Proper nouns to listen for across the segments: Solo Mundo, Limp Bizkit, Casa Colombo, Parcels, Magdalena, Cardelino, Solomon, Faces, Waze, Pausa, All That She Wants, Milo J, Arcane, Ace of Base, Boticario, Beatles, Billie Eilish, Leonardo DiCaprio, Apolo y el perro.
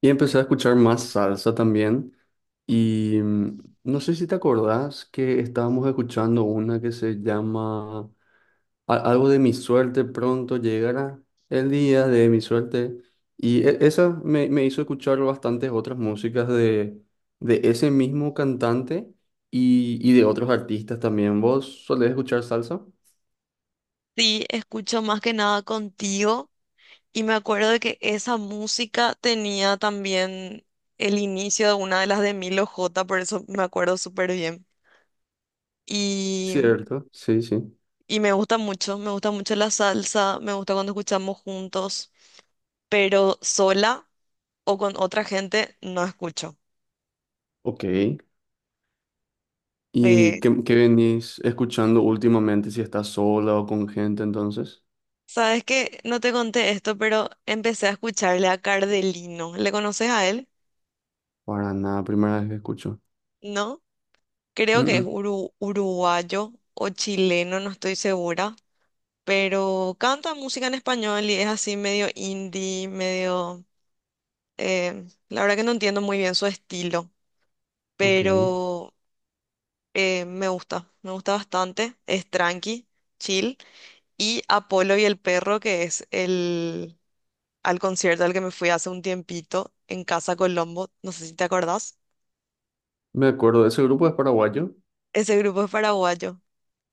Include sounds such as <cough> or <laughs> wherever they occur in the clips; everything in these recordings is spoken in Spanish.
Y empecé a escuchar más salsa también. Y no sé si te acordás que estábamos escuchando una que se llama algo de mi suerte, pronto llegará el día de mi suerte. Y esa me hizo escuchar bastantes otras músicas de ese mismo cantante y de otros artistas también. ¿Vos solés escuchar salsa? Sí, escucho más que nada contigo y me acuerdo de que esa música tenía también el inicio de una de las de Milo J, por eso me acuerdo súper bien. Y, Cierto, sí, sí. y me gusta mucho la salsa, me gusta cuando escuchamos juntos, pero sola o con otra gente no escucho. Ok. Eh, ¿Y qué venís escuchando últimamente? Si estás sola o con gente, entonces. ¿Sabes qué? No te conté esto, pero empecé a escucharle a Cardelino. ¿Le conoces a él? Para nada, primera vez que escucho. ¿No? Mm, Creo que es mm, uruguayo o chileno, no estoy segura, pero canta música en español y es así medio indie, la verdad que no entiendo muy bien su estilo, ok. pero me gusta bastante. Es tranqui, chill. Y Apolo y el perro, que es el... al concierto al que me fui hace un tiempito en Casa Colombo, no sé si te acordás. Me acuerdo, ese grupo es paraguayo Ese grupo es paraguayo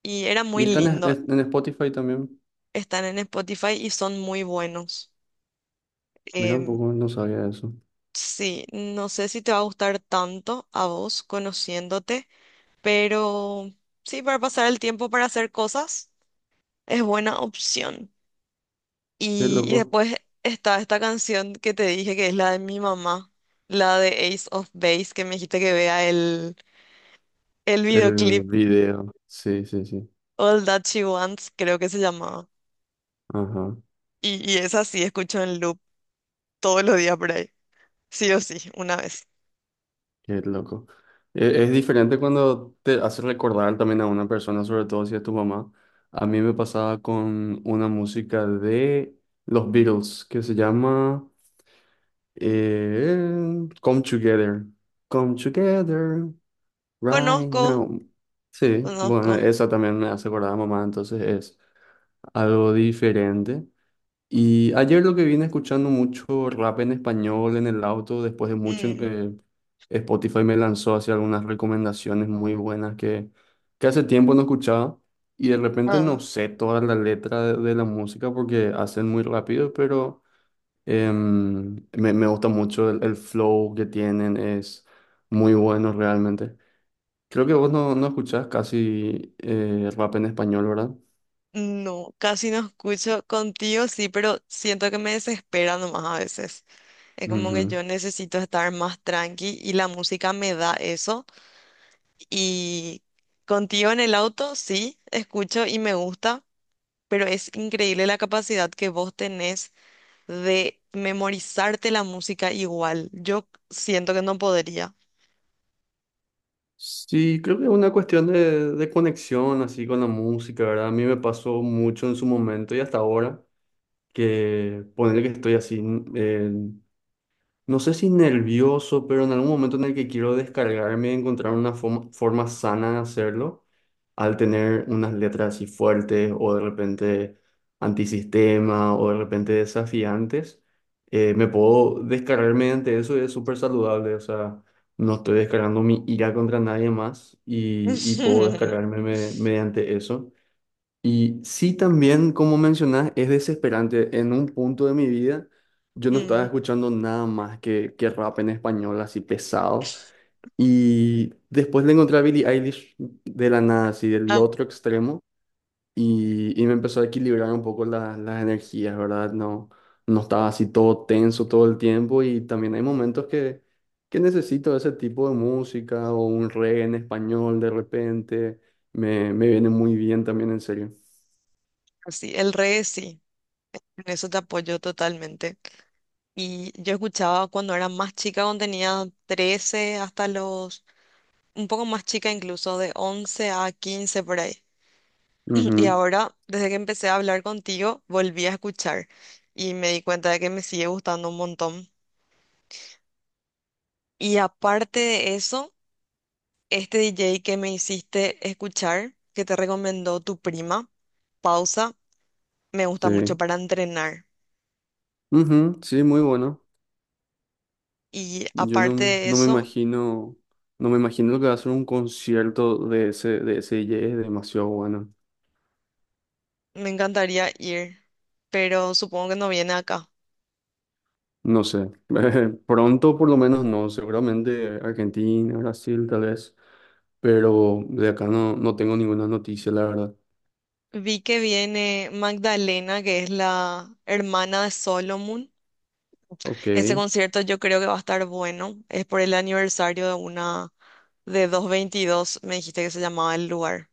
y era y muy está lindo. En Spotify también. Están en Spotify y son muy buenos. Mira un Em, poco, no sabía eso. sí, no sé si te va a gustar tanto a vos conociéndote, pero sí, para pasar el tiempo para hacer cosas es buena opción. Qué Y loco. después está esta canción que te dije que es la de mi mamá, la de Ace of Base, que me dijiste que vea el El videoclip video. Sí, sí, sí. All That She Wants, creo que se llamaba. Ajá, Y esa sí escucho en loop todos los días por ahí, sí o sí, una vez. qué loco. Es, diferente cuando te hace recordar también a una persona, sobre todo si es tu mamá. A mí me pasaba con una música de los Beatles que se llama Come Together. Come Together. Right Conozco, now. Sí, conozco. bueno, esa también me hace acordar a mamá, entonces es algo diferente. Y ayer lo que vine escuchando mucho rap en español en el auto, después de mucho, Mm, Spotify me lanzó hacia algunas recomendaciones muy buenas que hace tiempo no escuchaba y de repente no ah. sé toda la letra de la música porque hacen muy rápido, pero me gusta mucho el flow que tienen, es muy bueno realmente. Creo que vos no escuchás casi rap en español, ¿verdad? No, casi no escucho contigo, sí, pero siento que me desespera nomás a veces. Es como que Ujú. yo necesito estar más tranqui y la música me da eso. Y contigo en el auto, sí, escucho y me gusta, pero es increíble la capacidad que vos tenés de memorizarte la música igual. Yo siento que no podría. Sí, creo que es una cuestión de conexión así con la música, ¿verdad? A mí me pasó mucho en su momento y hasta ahora que ponerle que estoy así, eh, no sé si nervioso, pero en algún momento en el que quiero descargarme y encontrar una forma sana de hacerlo, al tener unas letras así fuertes o de repente antisistema o de repente desafiantes, me puedo descargar mediante eso y es súper saludable. O sea, no estoy descargando mi ira contra nadie más y puedo <laughs> descargarme mediante eso. Y sí, también, como mencionás, es desesperante. En un punto de mi vida, yo no estaba Mm, escuchando nada más que rap en español así pesado. Y después le encontré a Billie Eilish de la nada, así del ah, otro extremo, y me empezó a equilibrar un poco las energías, ¿verdad? No, no estaba así todo tenso todo el tiempo y también hay momentos que necesito ese tipo de música o un reggae en español de repente, me viene muy bien también, en serio. sí, el reggae sí. En eso te apoyo totalmente. Y yo escuchaba cuando era más chica, cuando tenía 13 un poco más chica incluso, de 11 a 15 por ahí. <clears throat> Y Ujú, ahora, desde que empecé a hablar contigo, volví a escuchar y me di cuenta de que me sigue gustando un montón. Y aparte de eso, este DJ que me hiciste escuchar, que te recomendó tu prima, Pausa, me gusta mucho sí, para entrenar. Ujú, sí, muy bueno. Y Yo aparte de no me eso, imagino, no me imagino lo que va a ser un concierto de ese DJ, es demasiado bueno. me encantaría ir, pero supongo que no viene acá. No sé, <laughs> pronto por lo menos no, seguramente Argentina, Brasil tal vez, pero de acá no, no tengo ninguna noticia, la verdad. Vi que viene Magdalena, que es la hermana de Solomon. Ok, Ese concierto yo creo que va a estar bueno. Es por el aniversario de una de 222, me dijiste que se llamaba el lugar.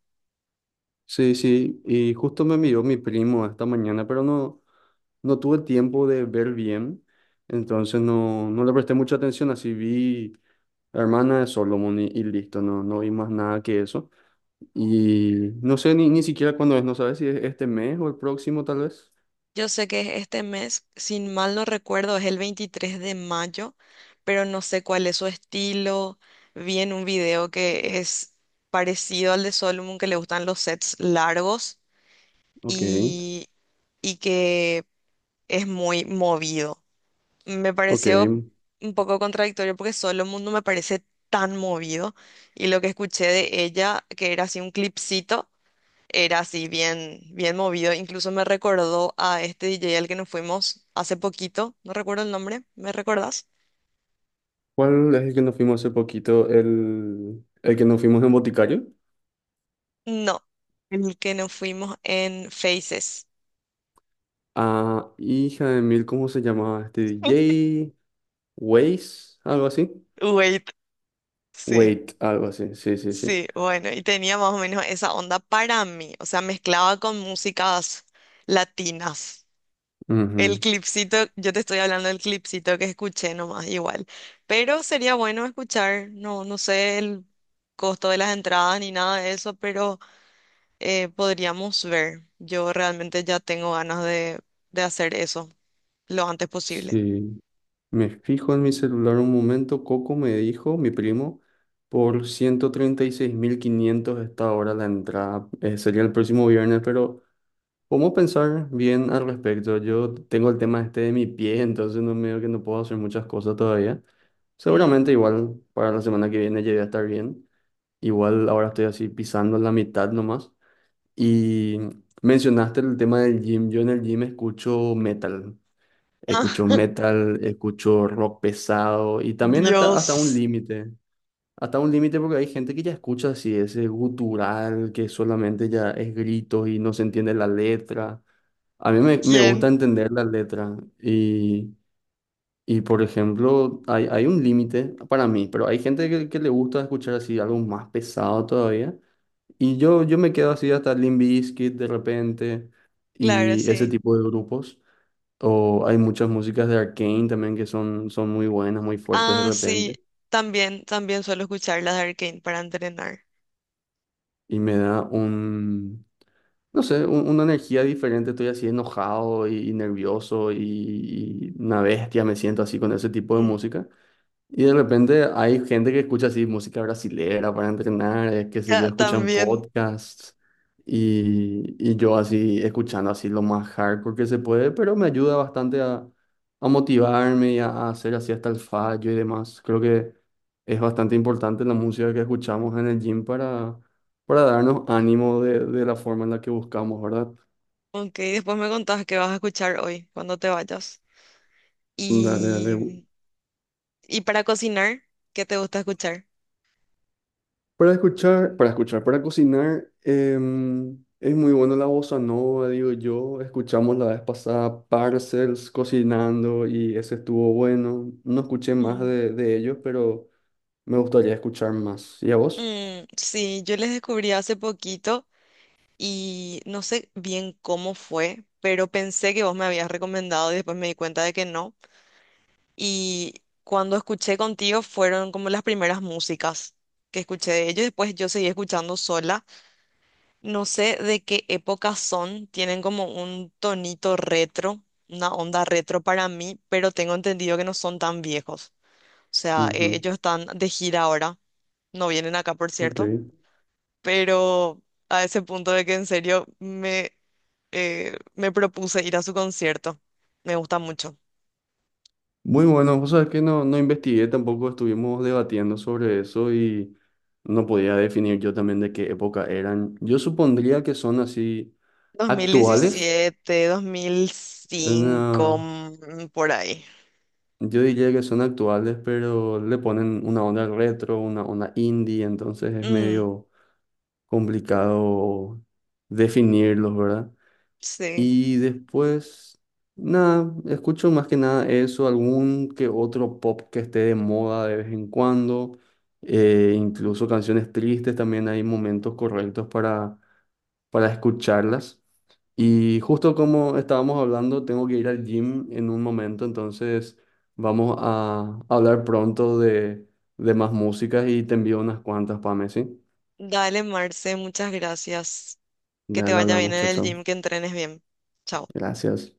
sí, sí, y justo me envió mi primo esta mañana, pero no, no tuve tiempo de ver bien, entonces no, no le presté mucha atención, así vi la hermana de Solomon y listo, no, no vi más nada que eso. Y no sé ni siquiera cuándo es, no sabes si es este mes o el próximo tal vez. Yo sé que es este mes, sin mal no recuerdo, es el 23 de mayo, pero no sé cuál es su estilo. Vi en un video que es parecido al de Solomon, que le gustan los sets largos Ok, y, y que es muy movido. Me ok. pareció un poco contradictorio porque Solo Mundo me parece tan movido y lo que escuché de ella, que era así un clipcito, era así bien, bien movido. Incluso me recordó a este DJ al que nos fuimos hace poquito, no recuerdo el nombre, ¿me recordás? ¿Cuál es el que nos fuimos hace poquito? El que nos fuimos en Boticario. No, el que nos fuimos en Faces. Ah, hija de mil, ¿cómo se llamaba? Este <laughs> DJ, Waze, algo así. Wait, sí. Wait, algo así, sí, sí, sí. Sí, bueno, y tenía más o menos esa onda para mí, o sea, mezclaba con músicas latinas. El Ujú, clipcito, yo te estoy hablando del clipcito que escuché nomás, igual, pero sería bueno escuchar, no sé el costo de las entradas ni nada de eso, pero podríamos ver. Yo realmente ya tengo ganas de hacer eso lo antes posible. sí, me fijo en mi celular un momento. Coco me dijo, mi primo, por 136.500 está ahora la entrada. Sería el próximo viernes, pero ¿cómo pensar bien al respecto? Yo tengo el tema este de mi pie, entonces no medio que no puedo hacer muchas cosas todavía. Mm. Seguramente igual para la semana que viene llegué a estar bien. Igual ahora estoy así pisando la mitad nomás. Y mencionaste el tema del gym. Yo en el gym escucho metal. Escucho <laughs> metal, escucho rock pesado y también hasta un Dios, límite. Hasta un límite porque hay gente que ya escucha así ese gutural que solamente ya es gritos y no se entiende la letra. A mí me gusta ¿quién? entender la letra y, por ejemplo, hay un límite para mí, pero hay gente que le gusta escuchar así algo más pesado todavía. Y yo me quedo así hasta Limp Bizkit de repente Claro, y ese sí. tipo de grupos. O hay muchas músicas de Arcane también que son muy buenas, muy fuertes de Ah, sí, repente. también, también suelo escuchar las de Arcane para entrenar. Y me da un, no sé, un- una energía diferente. Estoy así enojado y nervioso y una bestia me siento así con ese tipo de Mm, música. Y de repente hay gente que escucha así música brasilera para entrenar, qué sé yo, ya, escuchan también. podcasts y yo así escuchando así lo más hardcore que se puede, pero me ayuda bastante a motivarme y a hacer así hasta el fallo y demás. Creo que es bastante importante la música que escuchamos en el gym para darnos ánimo de la forma en la que buscamos, ¿verdad? Ok, después me contás qué vas a escuchar hoy cuando te vayas. Dale, dale. Y, y para cocinar, ¿qué te gusta escuchar? Para escuchar, para escuchar, para cocinar, es muy bueno la bossa nova, digo yo. Escuchamos la vez pasada Parcels cocinando y ese estuvo bueno. No escuché más Mm. De ellos, pero me gustaría escuchar más. ¿Y a vos? Mm, sí, yo les descubrí hace poquito y no sé bien cómo fue, pero pensé que vos me habías recomendado y después me di cuenta de que no. Y cuando escuché contigo fueron como las primeras músicas que escuché de ellos, después yo seguí escuchando sola. No sé de qué época son, tienen como un tonito retro, una onda retro para mí, pero tengo entendido que no son tan viejos. O sea, Ujú, ellos están de gira ahora, no vienen acá, por ok. cierto, pero a ese punto de que en serio me propuse ir a su concierto. Me gusta mucho. Muy bueno, vos sabés que no, no investigué, tampoco estuvimos debatiendo sobre eso y no podía definir yo también de qué época eran. Yo supondría que son así actuales. 2017, 2005, No. Por ahí. Yo diría que son actuales, pero le ponen una onda retro, una onda indie, entonces es Mm, medio complicado definirlos, ¿verdad? sí. Y después, nada, escucho más que nada eso, algún que otro pop que esté de moda de vez en cuando, incluso canciones tristes, también hay momentos correctos para escucharlas. Y justo como estábamos hablando, tengo que ir al gym en un momento, entonces vamos a hablar pronto de más músicas y te envío unas cuantas para Messi. Dale, Marce, muchas gracias. Que te Dale, vaya bien hablamos, en chao, el chao. gym, que entrenes bien. Chao. Gracias.